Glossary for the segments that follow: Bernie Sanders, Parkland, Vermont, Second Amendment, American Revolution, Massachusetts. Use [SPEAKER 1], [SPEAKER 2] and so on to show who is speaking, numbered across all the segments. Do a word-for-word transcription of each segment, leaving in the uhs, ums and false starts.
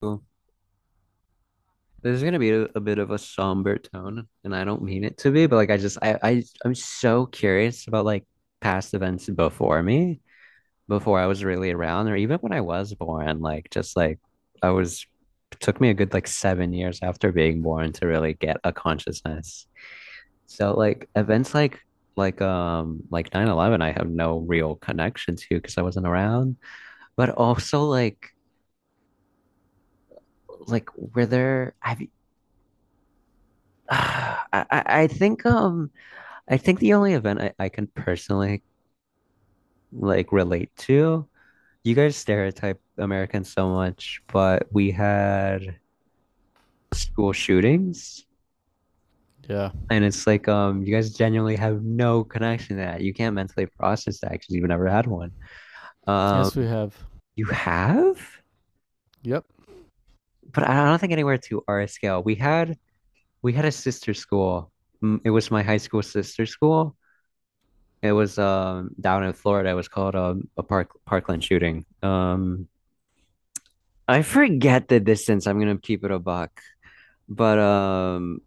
[SPEAKER 1] Well, this is gonna be a, a bit of a somber tone, and I don't mean it to be, but like I just I, I I'm so curious about like past events before me, before I was really around, or even when I was born. Like just like I was it took me a good like seven years after being born to really get a consciousness. So like events like like um like nine eleven, I have no real connection to because I wasn't around, but also like like were there have you I, I I think um I think the only event I, I can personally like relate to, you guys stereotype Americans so much, but we had school shootings.
[SPEAKER 2] Yeah.
[SPEAKER 1] And it's like um you guys genuinely have no connection to that. You can't mentally process that because you've never had one.
[SPEAKER 2] Yes, we
[SPEAKER 1] Um
[SPEAKER 2] have.
[SPEAKER 1] you have?
[SPEAKER 2] Yep.
[SPEAKER 1] But I don't think anywhere to our scale. We had we had a sister school. Mm, It was my high school sister school. It was um down in Florida. It was called um, a park Parkland shooting. Um I forget the distance. I'm gonna keep it a buck. But um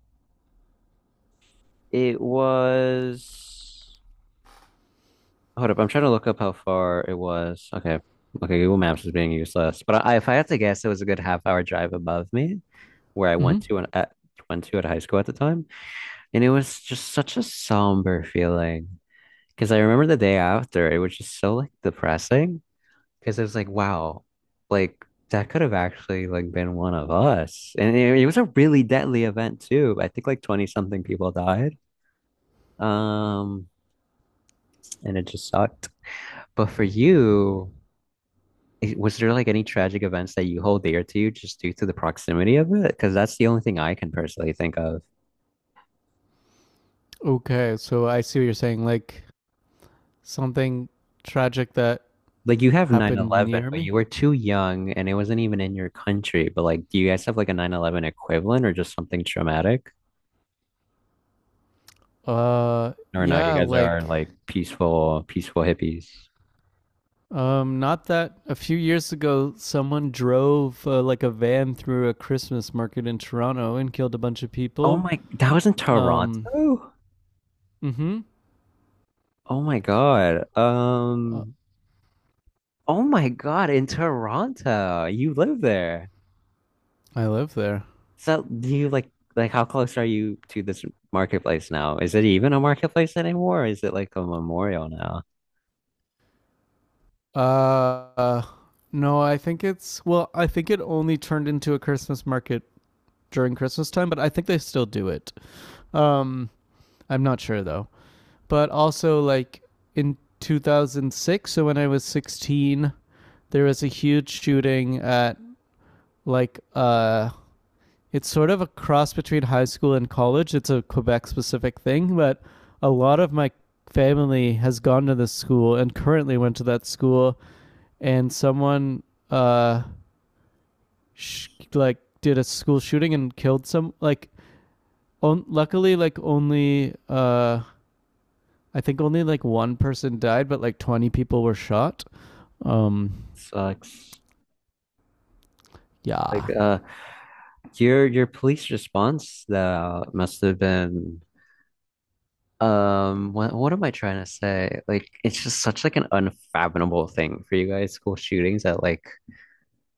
[SPEAKER 1] it was hold up, I'm trying to look up how far it was. Okay. Okay, Google Maps is being useless. But I, if I had to guess, it was a good half hour drive above me where I went
[SPEAKER 2] Hmm.
[SPEAKER 1] to an, at went to at high school at the time. And it was just such a somber feeling. Because I remember the day after, it was just so like depressing. Because it was like, wow, like that could have actually like been one of us. And it, it was a really deadly event too. I think like twenty something people died. Um, and it just sucked. But for you, i- was there like any tragic events that you hold dear to you just due to the proximity of it? Because that's the only thing I can personally think of.
[SPEAKER 2] Okay, so I see what you're saying. Like something tragic that
[SPEAKER 1] Like you have nine
[SPEAKER 2] happened
[SPEAKER 1] eleven,
[SPEAKER 2] near
[SPEAKER 1] but
[SPEAKER 2] me.
[SPEAKER 1] you were too young and it wasn't even in your country. But like, do you guys have like a nine eleven equivalent or just something traumatic?
[SPEAKER 2] Uh,
[SPEAKER 1] Or no, you
[SPEAKER 2] yeah,
[SPEAKER 1] guys are
[SPEAKER 2] like
[SPEAKER 1] like peaceful, peaceful hippies.
[SPEAKER 2] um, not that a few years ago someone drove uh, like a van through a Christmas market in Toronto and killed a bunch of
[SPEAKER 1] Oh
[SPEAKER 2] people.
[SPEAKER 1] my, that was in Toronto?
[SPEAKER 2] Um, mm-hmm.
[SPEAKER 1] Oh my God.
[SPEAKER 2] Uh,
[SPEAKER 1] Um, oh my God, in Toronto. You live there.
[SPEAKER 2] I live there.
[SPEAKER 1] So do you like like how close are you to this marketplace now? Is it even a marketplace anymore? Or is it like a memorial now?
[SPEAKER 2] Uh, no, I think it's well, I think it only turned into a Christmas market during Christmas time, but I think they still do it. Um, I'm not sure though. But also, like in two thousand six, so when I was sixteen, there was a huge shooting at like uh, it's sort of a cross between high school and college. It's a Quebec specific thing, but a lot of my family has gone to this school and currently went to that school, and someone uh, sh- like did a school shooting and killed some like. On, luckily, like only uh, I think only like one person died, but like twenty people were shot. Um,
[SPEAKER 1] Sucks. Like
[SPEAKER 2] yeah.
[SPEAKER 1] uh your your police response though must have been. Um, what what am I trying to say? Like, it's just such like an unfathomable thing for you guys, school shootings, that like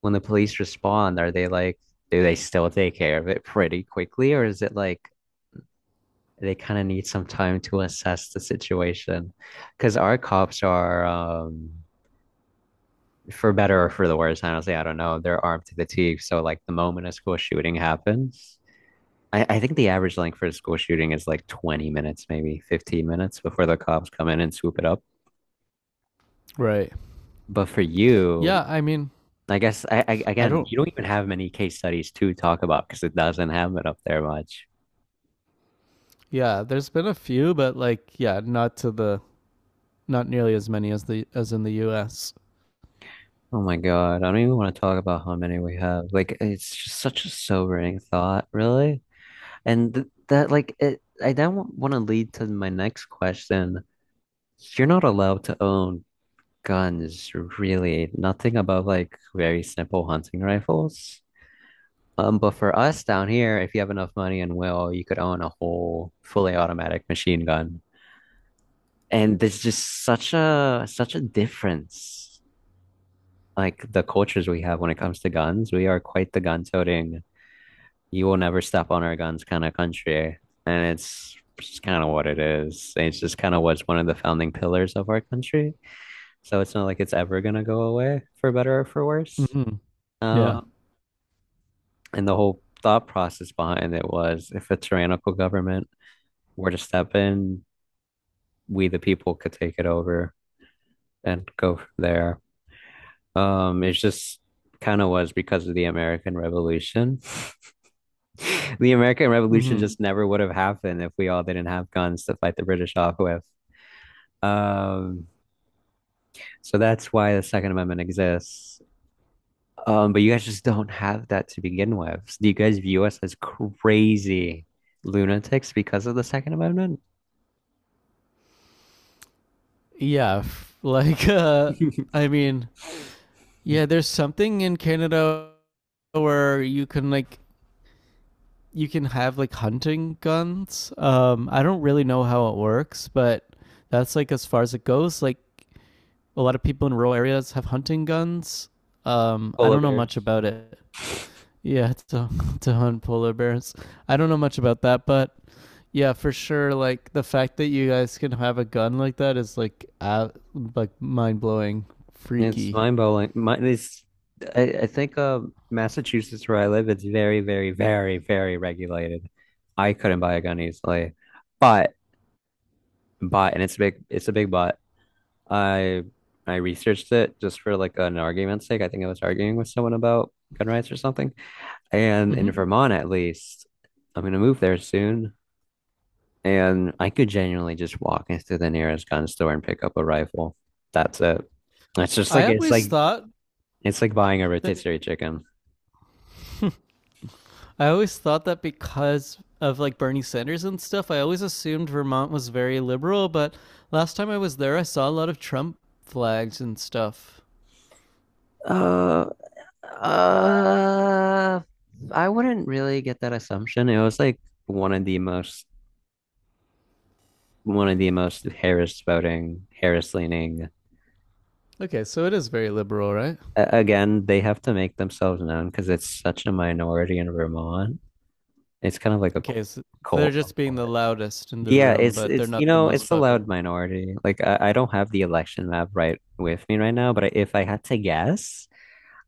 [SPEAKER 1] when the police respond, are they like do they still take care of it pretty quickly, or is it like they kind of need some time to assess the situation? Because our cops are um for better or for the worse, honestly, I don't know. They're armed to the teeth, so like the moment a school shooting happens, I, I think the average length for a school shooting is like twenty minutes, maybe fifteen minutes before the cops come in and swoop it up.
[SPEAKER 2] Right.
[SPEAKER 1] But for you,
[SPEAKER 2] Yeah. I mean,
[SPEAKER 1] I guess I, I
[SPEAKER 2] I
[SPEAKER 1] again,
[SPEAKER 2] don't,
[SPEAKER 1] you don't even have many case studies to talk about because it doesn't happen up there much.
[SPEAKER 2] yeah, there's been a few, but like, yeah, not to the, not nearly as many as the, as in the U S.
[SPEAKER 1] Oh my God, I don't even want to talk about how many we have. Like it's just such a sobering thought, really. And th that like it I then want to lead to my next question. You're not allowed to own guns, really. Nothing above like very simple hunting rifles. Um, but for us down here, if you have enough money and will, you could own a whole fully automatic machine gun. And there's just such a such a difference. Like the cultures we have when it comes to guns, we are quite the gun toting, you will never step on our guns kind of country. And it's just kind of what it is. It's just kind of what's one of the founding pillars of our country. So it's not like it's ever gonna go away for better or for worse.
[SPEAKER 2] Mm-hmm. Yeah.
[SPEAKER 1] Uh, and the whole thought process behind it was if a tyrannical government were to step in, we the people could take it over and go from there. Um, it's just kind of was because of the American Revolution. The American Revolution
[SPEAKER 2] Mm-hmm.
[SPEAKER 1] just never would have happened if we all didn't have guns to fight the British off with. Um, so that's why the Second Amendment exists. Um, but you guys just don't have that to begin with. So do you guys view us as crazy lunatics because of the Second Amendment?
[SPEAKER 2] Yeah. Like, uh, I mean, yeah, there's something in Canada where you can like, you can have like hunting guns. Um, I don't really know how it works, but that's like as far as it goes. Like, a lot of people in rural areas have hunting guns. Um, I
[SPEAKER 1] Polar
[SPEAKER 2] don't know
[SPEAKER 1] bears.
[SPEAKER 2] much about it. Yeah, to to hunt polar bears. I don't know much about that, but yeah, for sure. Like the fact that you guys can have a gun like that is like uh, like mind blowing,
[SPEAKER 1] It's
[SPEAKER 2] freaky.
[SPEAKER 1] mind-blowing. My, this, I, I think uh, Massachusetts, where I live, it's very, very, very, very regulated. I couldn't buy a gun easily, but but, and it's a big, it's a big but. I I researched it just for like an argument's sake. I think I was arguing with someone about gun rights or something. And in
[SPEAKER 2] Hmm.
[SPEAKER 1] Vermont, at least, I'm gonna move there soon, and I could genuinely just walk into the nearest gun store and pick up a rifle. That's it. It's just
[SPEAKER 2] I
[SPEAKER 1] like it's
[SPEAKER 2] always
[SPEAKER 1] like
[SPEAKER 2] thought
[SPEAKER 1] it's like buying a
[SPEAKER 2] that
[SPEAKER 1] rotisserie chicken.
[SPEAKER 2] I always thought that because of like Bernie Sanders and stuff, I always assumed Vermont was very liberal. But last time I was there, I saw a lot of Trump flags and stuff.
[SPEAKER 1] Uh, uh, I wouldn't really get that assumption. It was like one of the most, one of the most Harris voting, Harris leaning.
[SPEAKER 2] Okay, so it is very liberal, right?
[SPEAKER 1] A- again, they have to make themselves known because it's such a minority in Vermont. It's kind of like a c-
[SPEAKER 2] Okay, so they're
[SPEAKER 1] cult.
[SPEAKER 2] just being the loudest in the
[SPEAKER 1] Yeah,
[SPEAKER 2] room,
[SPEAKER 1] it's
[SPEAKER 2] but they're
[SPEAKER 1] it's you
[SPEAKER 2] not the
[SPEAKER 1] know
[SPEAKER 2] most
[SPEAKER 1] it's a
[SPEAKER 2] popular.
[SPEAKER 1] loud minority. Like I, I don't have the election map right with me right now, but I, if I had to guess,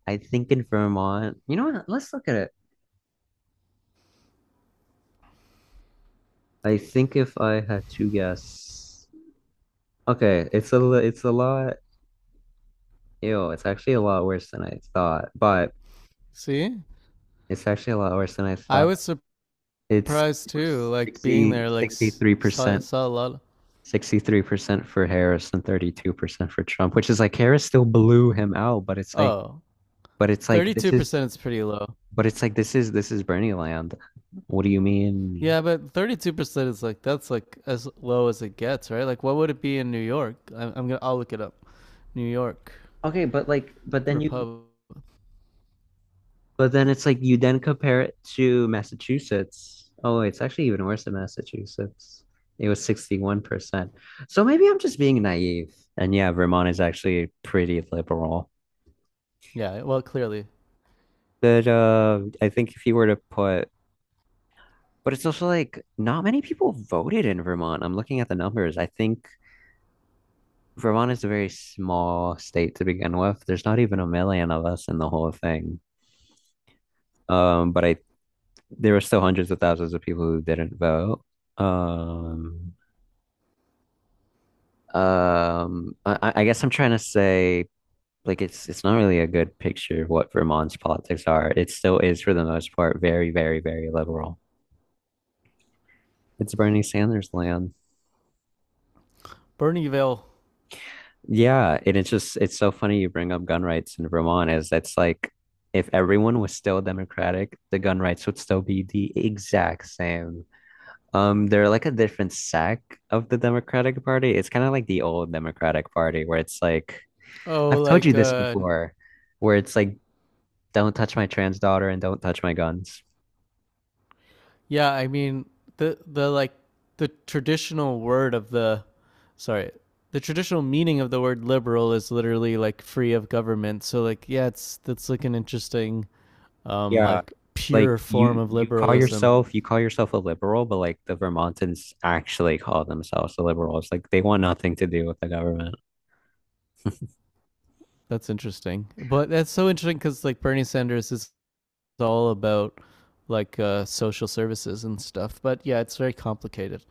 [SPEAKER 1] I think in Vermont, you know what? Let's look at it. I think if I had to guess, okay, it's a li- it's a lot. Ew, it's actually a lot worse than I thought, but
[SPEAKER 2] See?
[SPEAKER 1] it's actually a lot worse than I
[SPEAKER 2] I
[SPEAKER 1] thought.
[SPEAKER 2] was
[SPEAKER 1] It's
[SPEAKER 2] surprised too, like being
[SPEAKER 1] sixty
[SPEAKER 2] there, like
[SPEAKER 1] sixty
[SPEAKER 2] s-
[SPEAKER 1] three
[SPEAKER 2] saw,
[SPEAKER 1] percent
[SPEAKER 2] saw a lot.
[SPEAKER 1] sixty-three percent for Harris and thirty-two percent for Trump, which is like Harris still blew him out, but it's like,
[SPEAKER 2] Oh,
[SPEAKER 1] but it's like this
[SPEAKER 2] thirty-two
[SPEAKER 1] is,
[SPEAKER 2] percent is pretty low.
[SPEAKER 1] but it's like this is this is Bernie land. What do you mean?
[SPEAKER 2] Yeah, but thirty-two percent is like, that's like as low as it gets, right? Like, what would it be in New York? I'm, I'm gonna, I'll look it up. New York,
[SPEAKER 1] Okay, but like, but then you
[SPEAKER 2] Republic.
[SPEAKER 1] but then it's like you then compare it to Massachusetts. Oh, it's actually even worse than Massachusetts. It was sixty-one percent. So maybe I'm just being naive. And yeah, Vermont is actually pretty liberal.
[SPEAKER 2] Yeah, well, clearly.
[SPEAKER 1] But uh, I think if you were to put, but it's also like not many people voted in Vermont. I'm looking at the numbers. I think Vermont is a very small state to begin with. There's not even a million of us in the whole thing. Um, but I there were still hundreds of thousands of people who didn't vote. Um, Um, I, I guess I'm trying to say like it's it's not really a good picture of what Vermont's politics are. It still is for the most part very, very, very liberal. It's Bernie Sanders land.
[SPEAKER 2] Bernieville.
[SPEAKER 1] Yeah, and it's just it's so funny you bring up gun rights in Vermont is that's like if everyone was still democratic, the gun rights would still be the exact same. Um, they're like a different sect of the Democratic Party. It's kind of like the old Democratic Party where it's like
[SPEAKER 2] Oh,
[SPEAKER 1] I've told you
[SPEAKER 2] like
[SPEAKER 1] this
[SPEAKER 2] uh,
[SPEAKER 1] before, where it's like don't touch my trans daughter and don't touch my guns.
[SPEAKER 2] yeah, I mean the the like the traditional word of the sorry, the traditional meaning of the word liberal is literally like free of government. So like yeah, it's that's like an interesting um
[SPEAKER 1] Yeah.
[SPEAKER 2] like
[SPEAKER 1] Like
[SPEAKER 2] pure form
[SPEAKER 1] you
[SPEAKER 2] of
[SPEAKER 1] you call
[SPEAKER 2] liberalism.
[SPEAKER 1] yourself you call yourself a liberal, but like the Vermontans actually call themselves the liberals. Like they want nothing to do with the government.
[SPEAKER 2] That's interesting. But that's so interesting cuz like Bernie Sanders is all about like uh social services and stuff. But yeah, it's very complicated.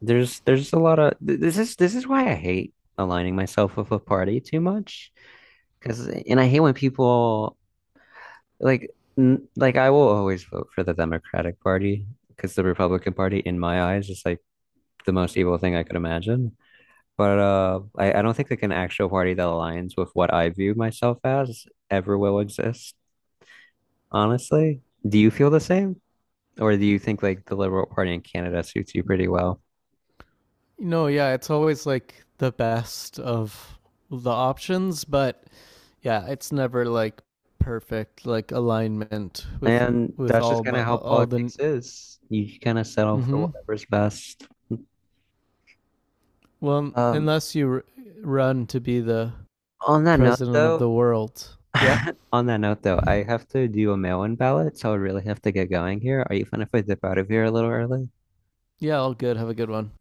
[SPEAKER 1] There's there's a lot of th- this is this is why I hate aligning myself with a party too much, because and I hate when people like n- like I will always vote for the Democratic Party because the Republican Party in my eyes is like the most evil thing I could imagine. But uh, I, I don't think like an actual party that aligns with what I view myself as ever will exist, honestly. Do you feel the same? Or do you think like the Liberal Party in Canada suits you pretty well?
[SPEAKER 2] You know, yeah, it's always like the best of the options, but yeah, it's never like perfect like alignment with
[SPEAKER 1] And
[SPEAKER 2] with
[SPEAKER 1] that's just
[SPEAKER 2] all
[SPEAKER 1] kind
[SPEAKER 2] my
[SPEAKER 1] of how
[SPEAKER 2] all the
[SPEAKER 1] politics is. You kind of settle for
[SPEAKER 2] mm-hmm.
[SPEAKER 1] whatever's best.
[SPEAKER 2] Well,
[SPEAKER 1] Um,
[SPEAKER 2] unless you r- run to be the
[SPEAKER 1] on that note,
[SPEAKER 2] president of
[SPEAKER 1] though,
[SPEAKER 2] the world. Yeah.
[SPEAKER 1] On that note, though, I have to do a mail-in ballot, so I really have to get going here. Are you fine if I dip out of here a little early?
[SPEAKER 2] Yeah, all good. Have a good one.